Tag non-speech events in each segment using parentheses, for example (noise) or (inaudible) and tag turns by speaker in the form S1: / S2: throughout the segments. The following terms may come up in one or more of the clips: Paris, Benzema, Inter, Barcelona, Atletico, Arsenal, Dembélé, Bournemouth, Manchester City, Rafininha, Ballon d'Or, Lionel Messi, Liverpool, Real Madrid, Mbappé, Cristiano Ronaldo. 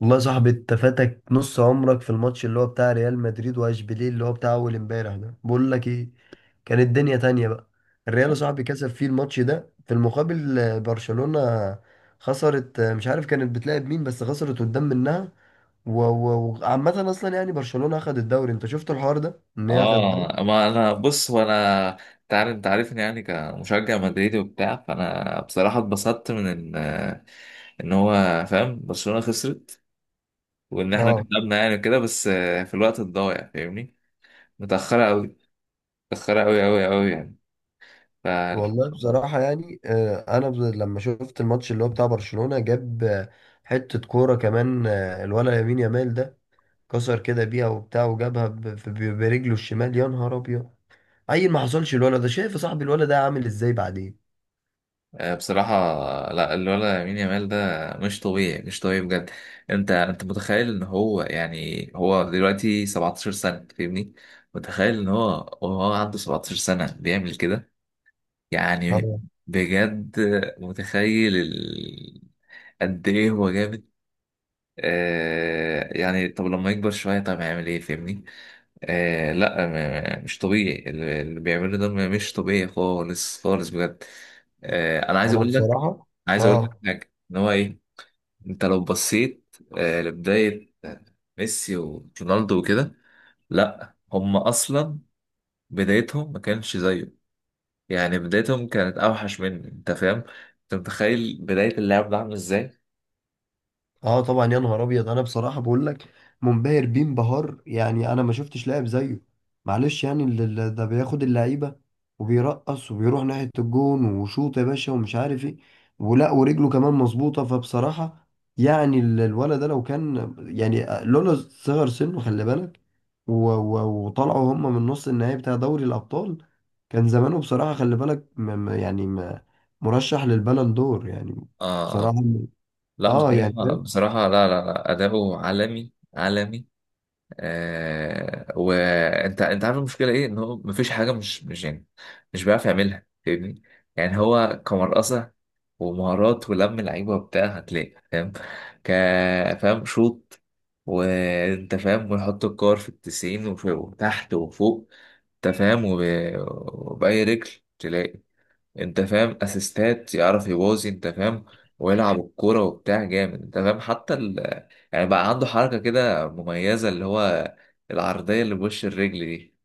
S1: والله يا صاحبي، انت فاتك نص عمرك في الماتش اللي هو بتاع ريال مدريد واشبيليه اللي هو بتاع اول امبارح ده. بقول لك ايه، كانت الدنيا تانية بقى. الريال يا صاحبي كسب فيه الماتش ده. في المقابل برشلونة خسرت. مش عارف كانت بتلعب مين، بس خسرت قدام منها. و- و- وعامة اصلا يعني برشلونة اخد الدوري. انت شفت الحوار ده ان هي اخد الدوري.
S2: اه، ما انا بص. هو انا تعرف، انت عارفني يعني كمشجع مدريدي وبتاع. فانا بصراحه اتبسطت من ان هو فاهم برشلونه خسرت، وان احنا
S1: اه،
S2: كسبنا يعني كده. بس في الوقت الضايع فاهمني، متاخره قوي، متاخره قوي قوي قوي يعني. فالحمد
S1: والله
S2: لله.
S1: بصراحة يعني انا لما شفت الماتش اللي هو بتاع برشلونة جاب حتة كورة كمان. الولد يمين يامال ده كسر كده بيها وبتاع وجابها برجله الشمال. يا نهار ابيض، عيل ما حصلش. الولد ده، شايف يا صاحبي الولد ده عامل ازاي بعدين.
S2: بصراحه، لا الولد يمين يامال ده مش طبيعي، مش طبيعي بجد. انت متخيل ان هو يعني هو دلوقتي 17 سنه فاهمني؟ متخيل ان هو وهو عنده 17 سنه بيعمل كده يعني؟
S1: اه،
S2: بجد متخيل قد ايه هو جامد! يعني طب لما يكبر شوية طب هيعمل ايه فاهمني؟ لا مش طبيعي، اللي بيعمله ده مش طبيعي خالص خالص بجد. انا عايز
S1: انا
S2: اقول لك،
S1: بصراحة.
S2: عايز اقول
S1: اه.
S2: لك حاجة، ان هو ايه، انت لو بصيت لبداية ميسي ورونالدو وكده، لا هم اصلا بدايتهم ما كانش زيه يعني. بدايتهم كانت اوحش مني، انت فاهم؟ انت متخيل بداية اللعب ده عامل ازاي؟
S1: اه طبعا يا نهار ابيض، انا بصراحه بقول لك منبهر بيه انبهار. يعني انا ما شفتش لاعب زيه، معلش. يعني ده بياخد اللعيبه وبيرقص وبيروح ناحيه الجون وشوط يا باشا ومش عارف ايه، ولا ورجله كمان مظبوطه. فبصراحه يعني الولد ده لو كان يعني لولا صغر سنه، خلي بالك، و- و- وطلعوا هم من نص النهائي بتاع دوري الابطال، كان زمانه بصراحه، خلي بالك، مرشح للبالون دور يعني،
S2: اه
S1: بصراحه.
S2: لا،
S1: اه يعني.
S2: بصراحة بصراحة لا لا لا، اداؤه عالمي عالمي. وانت عارف المشكلة ايه؟ ان هو مفيش حاجة مش يعني مش بيعرف يعملها فاهمني. يعني هو كمرقصة ومهارات ولم لعيبة وبتاع هتلاقي فاهم. ك فاهم شوط، وانت فاهم، ويحط الكور في التسعين وفوق وتحت وفوق، انت فاهم وبأي رجل تلاقي، انت فاهم، اسيستات يعرف يبوظي، انت فاهم. ويلعب (laughs) الكورة وبتاع جامد، انت فاهم. حتى يعني بقى عنده حركة كده مميزة اللي هو العرضية اللي بوش الرجل دي،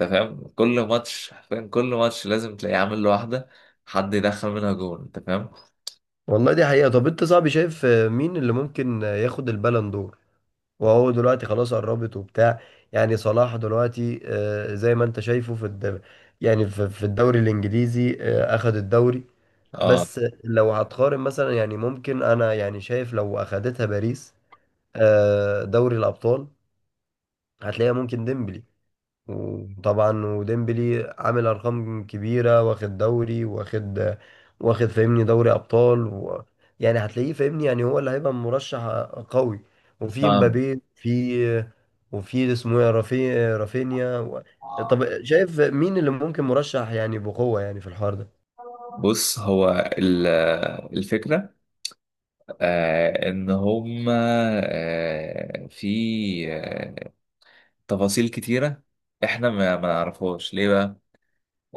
S2: انت فاهم؟ كل ماتش حرفيا، كل ماتش لازم تلاقيه عامل له واحدة، حد يدخل منها جون، انت فاهم.
S1: والله دي حقيقة. طب انت صاحبي شايف مين اللي ممكن ياخد البالون دور، وهو دلوقتي خلاص قربت وبتاع؟ يعني صلاح دلوقتي زي ما انت شايفه في الدوري. يعني في الدوري الانجليزي اخد الدوري،
S2: اه
S1: بس لو هتقارن مثلا يعني ممكن انا يعني شايف لو اخدتها باريس دوري الابطال، هتلاقيها ممكن ديمبلي. وطبعا وديمبلي عامل ارقام كبيره، واخد دوري، واخد فاهمني دوري ابطال. و... يعني هتلاقيه فاهمني، يعني هو اللي هيبقى مرشح قوي. وفي
S2: فاهم.
S1: مبابي، في وفي اسمه ايه رافي رافينيا. و... طب شايف مين اللي ممكن مرشح يعني بقوه يعني في الحوار ده؟
S2: بص هو ال- الفكرة، ان هما في تفاصيل كتيرة احنا ما نعرفهاش ليه بقى.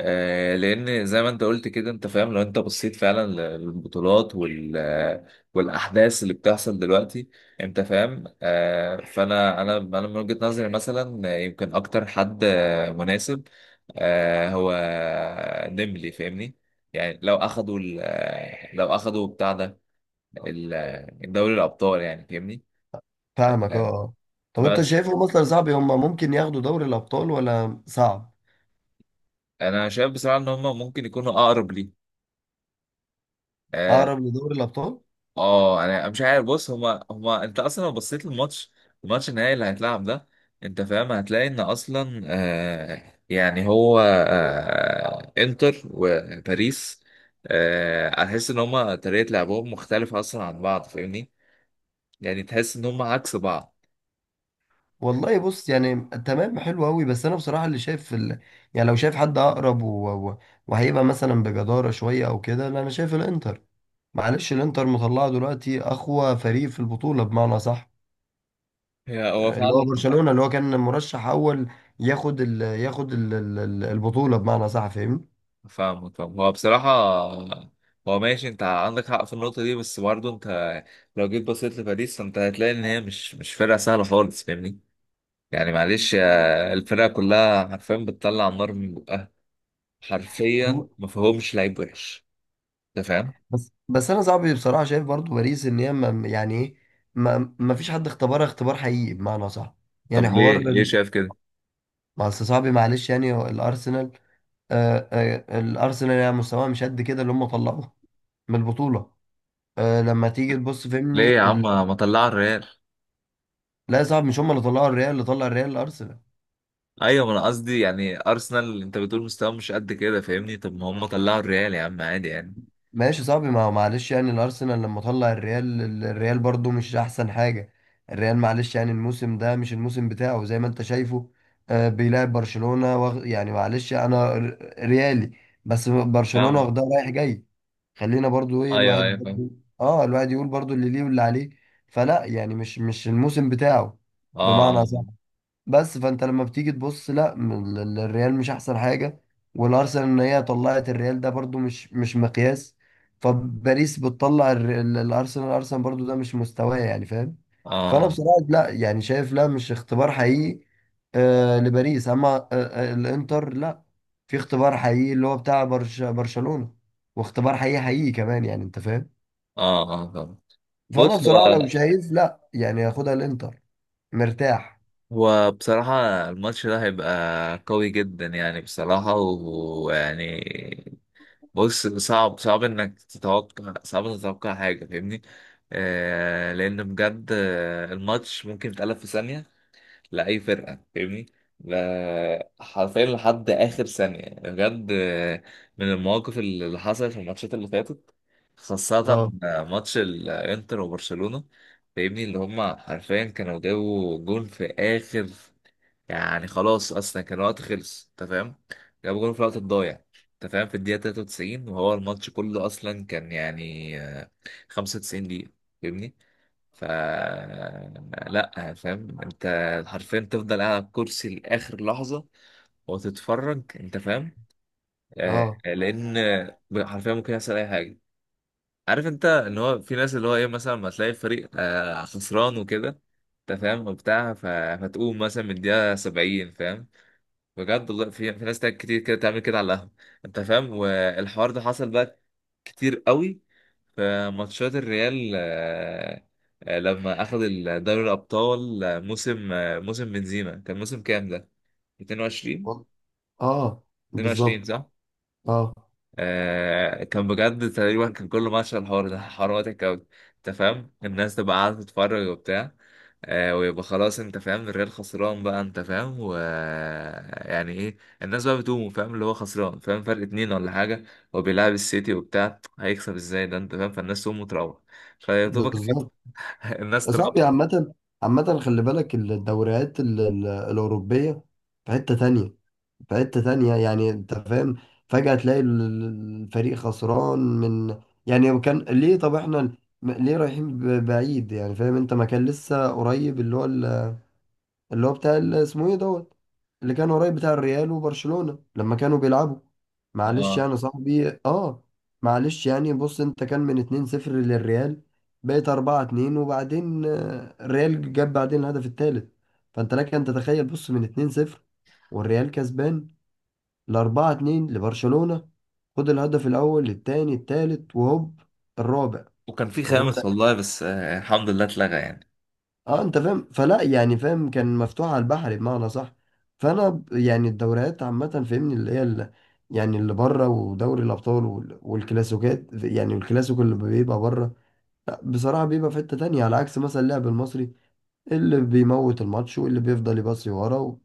S2: لان زي ما انت قلت كده انت فاهم، لو انت بصيت فعلا للبطولات وال والاحداث اللي بتحصل دلوقتي، انت فاهم. فانا انا من وجهة نظري مثلا، يمكن اكتر حد مناسب هو نملي فاهمني. يعني لو اخدوا لو اخدوا بتاع ده الدوري الابطال يعني فاهمني.
S1: فاهمك، اه
S2: آه،
S1: آه. طب انت
S2: بس
S1: شايفهم مثلا صعب هم ممكن ياخدوا دوري الابطال ولا صعب؟
S2: انا شايف بصراحة ان هم ممكن يكونوا اقرب ليه. آه،
S1: اقرب لدوري الابطال.
S2: اه انا مش عارف. بص، هما انت اصلا لو بصيت للماتش، الماتش النهائي اللي هيتلعب ده انت فاهم هتلاقي ان اصلا يعني هو انتر وباريس. هتحس ان هما طريقة لعبهم مختلفة اصلا عن بعض فاهمني. يعني تحس ان هما عكس بعض.
S1: والله بص يعني، تمام حلو قوي. بس انا بصراحه اللي شايف في يعني لو شايف حد اقرب، و... و... وهيبقى مثلا بجداره شويه او كده، لا انا شايف الانتر. معلش، الانتر مطلعه دلوقتي اقوى فريق في البطوله بمعنى صح،
S2: هو
S1: اللي
S2: فعلا.
S1: هو برشلونه، اللي هو كان مرشح اول ياخد البطوله بمعنى صح، فاهمني.
S2: فاهمك، فاهم. هو بصراحة، هو ماشي، انت عندك حق في النقطة دي، بس برضه انت لو جيت بصيت لباريس فانت هتلاقي ان هي مش فرقة سهلة خالص فاهمني. يعني معلش الفرقة كلها حرفيا بتطلع نار من بقها. حرفيا
S1: والله،
S2: ما فيهمش لعيب وحش، انت فاهم.
S1: بس انا صعب بصراحه شايف برضو باريس ان هي ما يعني ايه، ما... ما فيش حد اختبرها اختبار حقيقي بمعنى صح، يعني
S2: طب ليه،
S1: حوار.
S2: ليه شايف كده؟
S1: بس صعب معلش، يعني الارسنال، الارسنال يعني مستواه مش قد كده اللي هم طلعوه من البطوله. لما تيجي تبص
S2: ليه
S1: فهمني
S2: يا عم ما طلع الريال؟
S1: لا صعب، مش هم اللي طلعوا الريال، اللي طلع الريال الارسنال.
S2: ايوه ما انا قصدي يعني ارسنال انت بتقول مستواه مش قد كده فاهمني، طب ما هم طلعوا الريال يا عم، عادي يعني
S1: ماشي صعب، ما هو معلش يعني الارسنال لما طلع الريال، الريال برضو مش احسن حاجه. الريال معلش يعني الموسم ده مش الموسم بتاعه، زي ما انت شايفه بيلعب برشلونه يعني معلش انا ريالي، بس برشلونه
S2: فاهم.
S1: واخدها رايح جاي. خلينا برضو ايه،
S2: ايوه ايوه
S1: الواحد
S2: فاهم.
S1: برضو، اه الواحد يقول برضو اللي ليه واللي عليه. فلا يعني مش الموسم بتاعه
S2: اه
S1: بمعنى صح. بس فانت لما بتيجي تبص، لا الريال مش احسن حاجه، والارسنال ان هي طلعت الريال ده برضو مش مقياس. فباريس بتطلع الارسنال، الارسنال برضو ده مش مستواه يعني، فاهم.
S2: اه
S1: فانا
S2: اه
S1: بصراحه لا يعني شايف، لا مش اختبار حقيقي لباريس، اما الانتر لا، في اختبار حقيقي اللي هو بتاع برشلونه، واختبار حقيقي حقيقي كمان يعني انت فاهم.
S2: اه اه، فاهم.
S1: فانا
S2: بص
S1: بصراحه لو
S2: هو،
S1: شايف، لا يعني ياخدها الانتر مرتاح.
S2: هو بصراحة الماتش ده هيبقى قوي جدا، يعني بصراحة. ويعني بص، صعب صعب انك تتوقع، صعب انك تتوقع حاجة فاهمني. لان بجد الماتش ممكن يتقلب في ثانية لاي فرقه فاهمني. حرفيا لحد اخر ثانيه بجد. من المواقف اللي حصلت في الماتشات اللي فاتت، خاصه
S1: اه،
S2: ماتش الانتر وبرشلونه فاهمني، اللي هم حرفيا كانوا جابوا جون في اخر، يعني خلاص اصلا كان الوقت خلص، انت فاهم. جابوا جون في الوقت الضايع، انت فاهم، في الدقيقه 93، وهو الماتش كله اصلا كان يعني 95 دقيقه فاهمني. ف لا، فاهم انت، حرفيا تفضل قاعد على الكرسي لاخر لحظه وتتفرج، انت فاهم،
S1: اه،
S2: لان حرفيا ممكن يحصل اي حاجه. عارف انت ان هو في ناس اللي هو ايه، مثلا ما تلاقي فريق خسران وكده، انت فاهم وبتاع، فتقوم مثلا من الدقيقه 70 فاهم. بجد والله في ناس تاني كتير كده تعمل كده على القهوه، انت فاهم. والحوار ده حصل بقى كتير قوي في ماتشات الريال، لما اخذ دوري الابطال، موسم موسم بنزيما، كان موسم كام ده؟ 22.
S1: اه،
S2: 22
S1: بالظبط.
S2: صح.
S1: اه
S2: كان بجد تقريبا كان كل ماتش الحوار ده حوار مضحك قوي، انت فاهم. الناس تبقى قاعده تتفرج وبتاع، ويبقى خلاص، انت فاهم، الريال خسران بقى، انت فاهم، و يعني ايه، الناس بقى بتقوم فاهم اللي هو خسران، فاهم فرق اتنين ولا حاجه، وبيلعب السيتي وبتاع هيكسب ازاي ده، انت فاهم. فالناس تقوم وتروح، فيا دوبك
S1: بالظبط
S2: الناس
S1: يا
S2: تراقب.
S1: صاحبي. عامة، عامة خلي بالك الدوريات الأوروبية في حتة تانية. في حتة تانية يعني أنت فاهم. فجأة تلاقي الفريق خسران من، يعني كان ليه؟ طب احنا ليه رايحين بعيد يعني، فاهم أنت؟ ما كان لسه قريب اللي هو اللي هو بتاع اسمه ايه دوت، اللي كان قريب بتاع الريال وبرشلونة لما كانوا بيلعبوا، معلش
S2: اه
S1: يعني صاحبي. اه، معلش يعني بص، انت كان من 2-0 للريال، بقيت 4-2، وبعدين الريال جاب بعدين الهدف الثالث. فانت لك ان تتخيل، بص من 2-0 والريال كسبان، ل 4-2 لبرشلونة. خد الهدف الاول الثاني الثالث وهوب الرابع.
S2: وكان في
S1: طب
S2: خامس والله، بس الحمد لله اتلغى يعني.
S1: اه، انت فاهم، فلا يعني فاهم، كان مفتوح على البحر بمعنى صح. فانا يعني الدوريات عامه فاهمني اللي هي اللي يعني اللي بره، ودوري الابطال والكلاسيكات، يعني الكلاسيكو اللي بيبقى بره، لا بصراحه بيبقى في حته تانية. على عكس مثلا اللاعب المصري اللي بيموت الماتش واللي بيفضل يباصي ورا، و-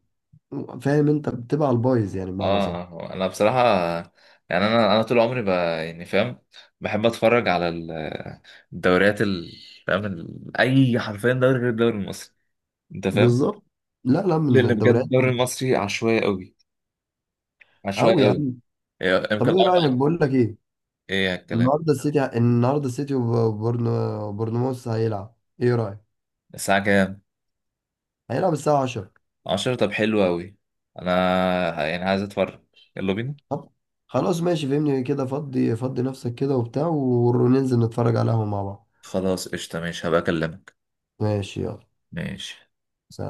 S1: و- فاهم انت بتبقى على البايظ يعني بمعنى صح.
S2: اه انا بصراحه يعني انا طول عمري يعني فاهم، بحب اتفرج على الدوريات فاهم اي حرفيا دوري غير الدوري المصري، انت فاهم.
S1: بالظبط، لا لا من
S2: لان بجد
S1: الدوريات.
S2: الدوري المصري عشوائي قوي، عشوائي
S1: قوي
S2: قوي.
S1: يعني.
S2: إيه،
S1: طب
S2: يمكن
S1: ايه رايك، بقول لك ايه،
S2: ايه الكلام؟
S1: النهارده السيتي، النهارده السيتي وبورنو بورنموث هيلعب. ايه رايك؟
S2: الساعه كام؟
S1: هيلعب الساعة 10.
S2: 10؟ طب حلو قوي. انا يعني عايز اتفرج. يلا بينا.
S1: طب خلاص ماشي، فهمني كده، فضي فضي نفسك كده وبتاع، وننزل نتفرج على القهوة مع بعض.
S2: خلاص قشطه، ماشي هبقى اكلمك.
S1: ماشي، يلا،
S2: ماشي.
S1: سلام.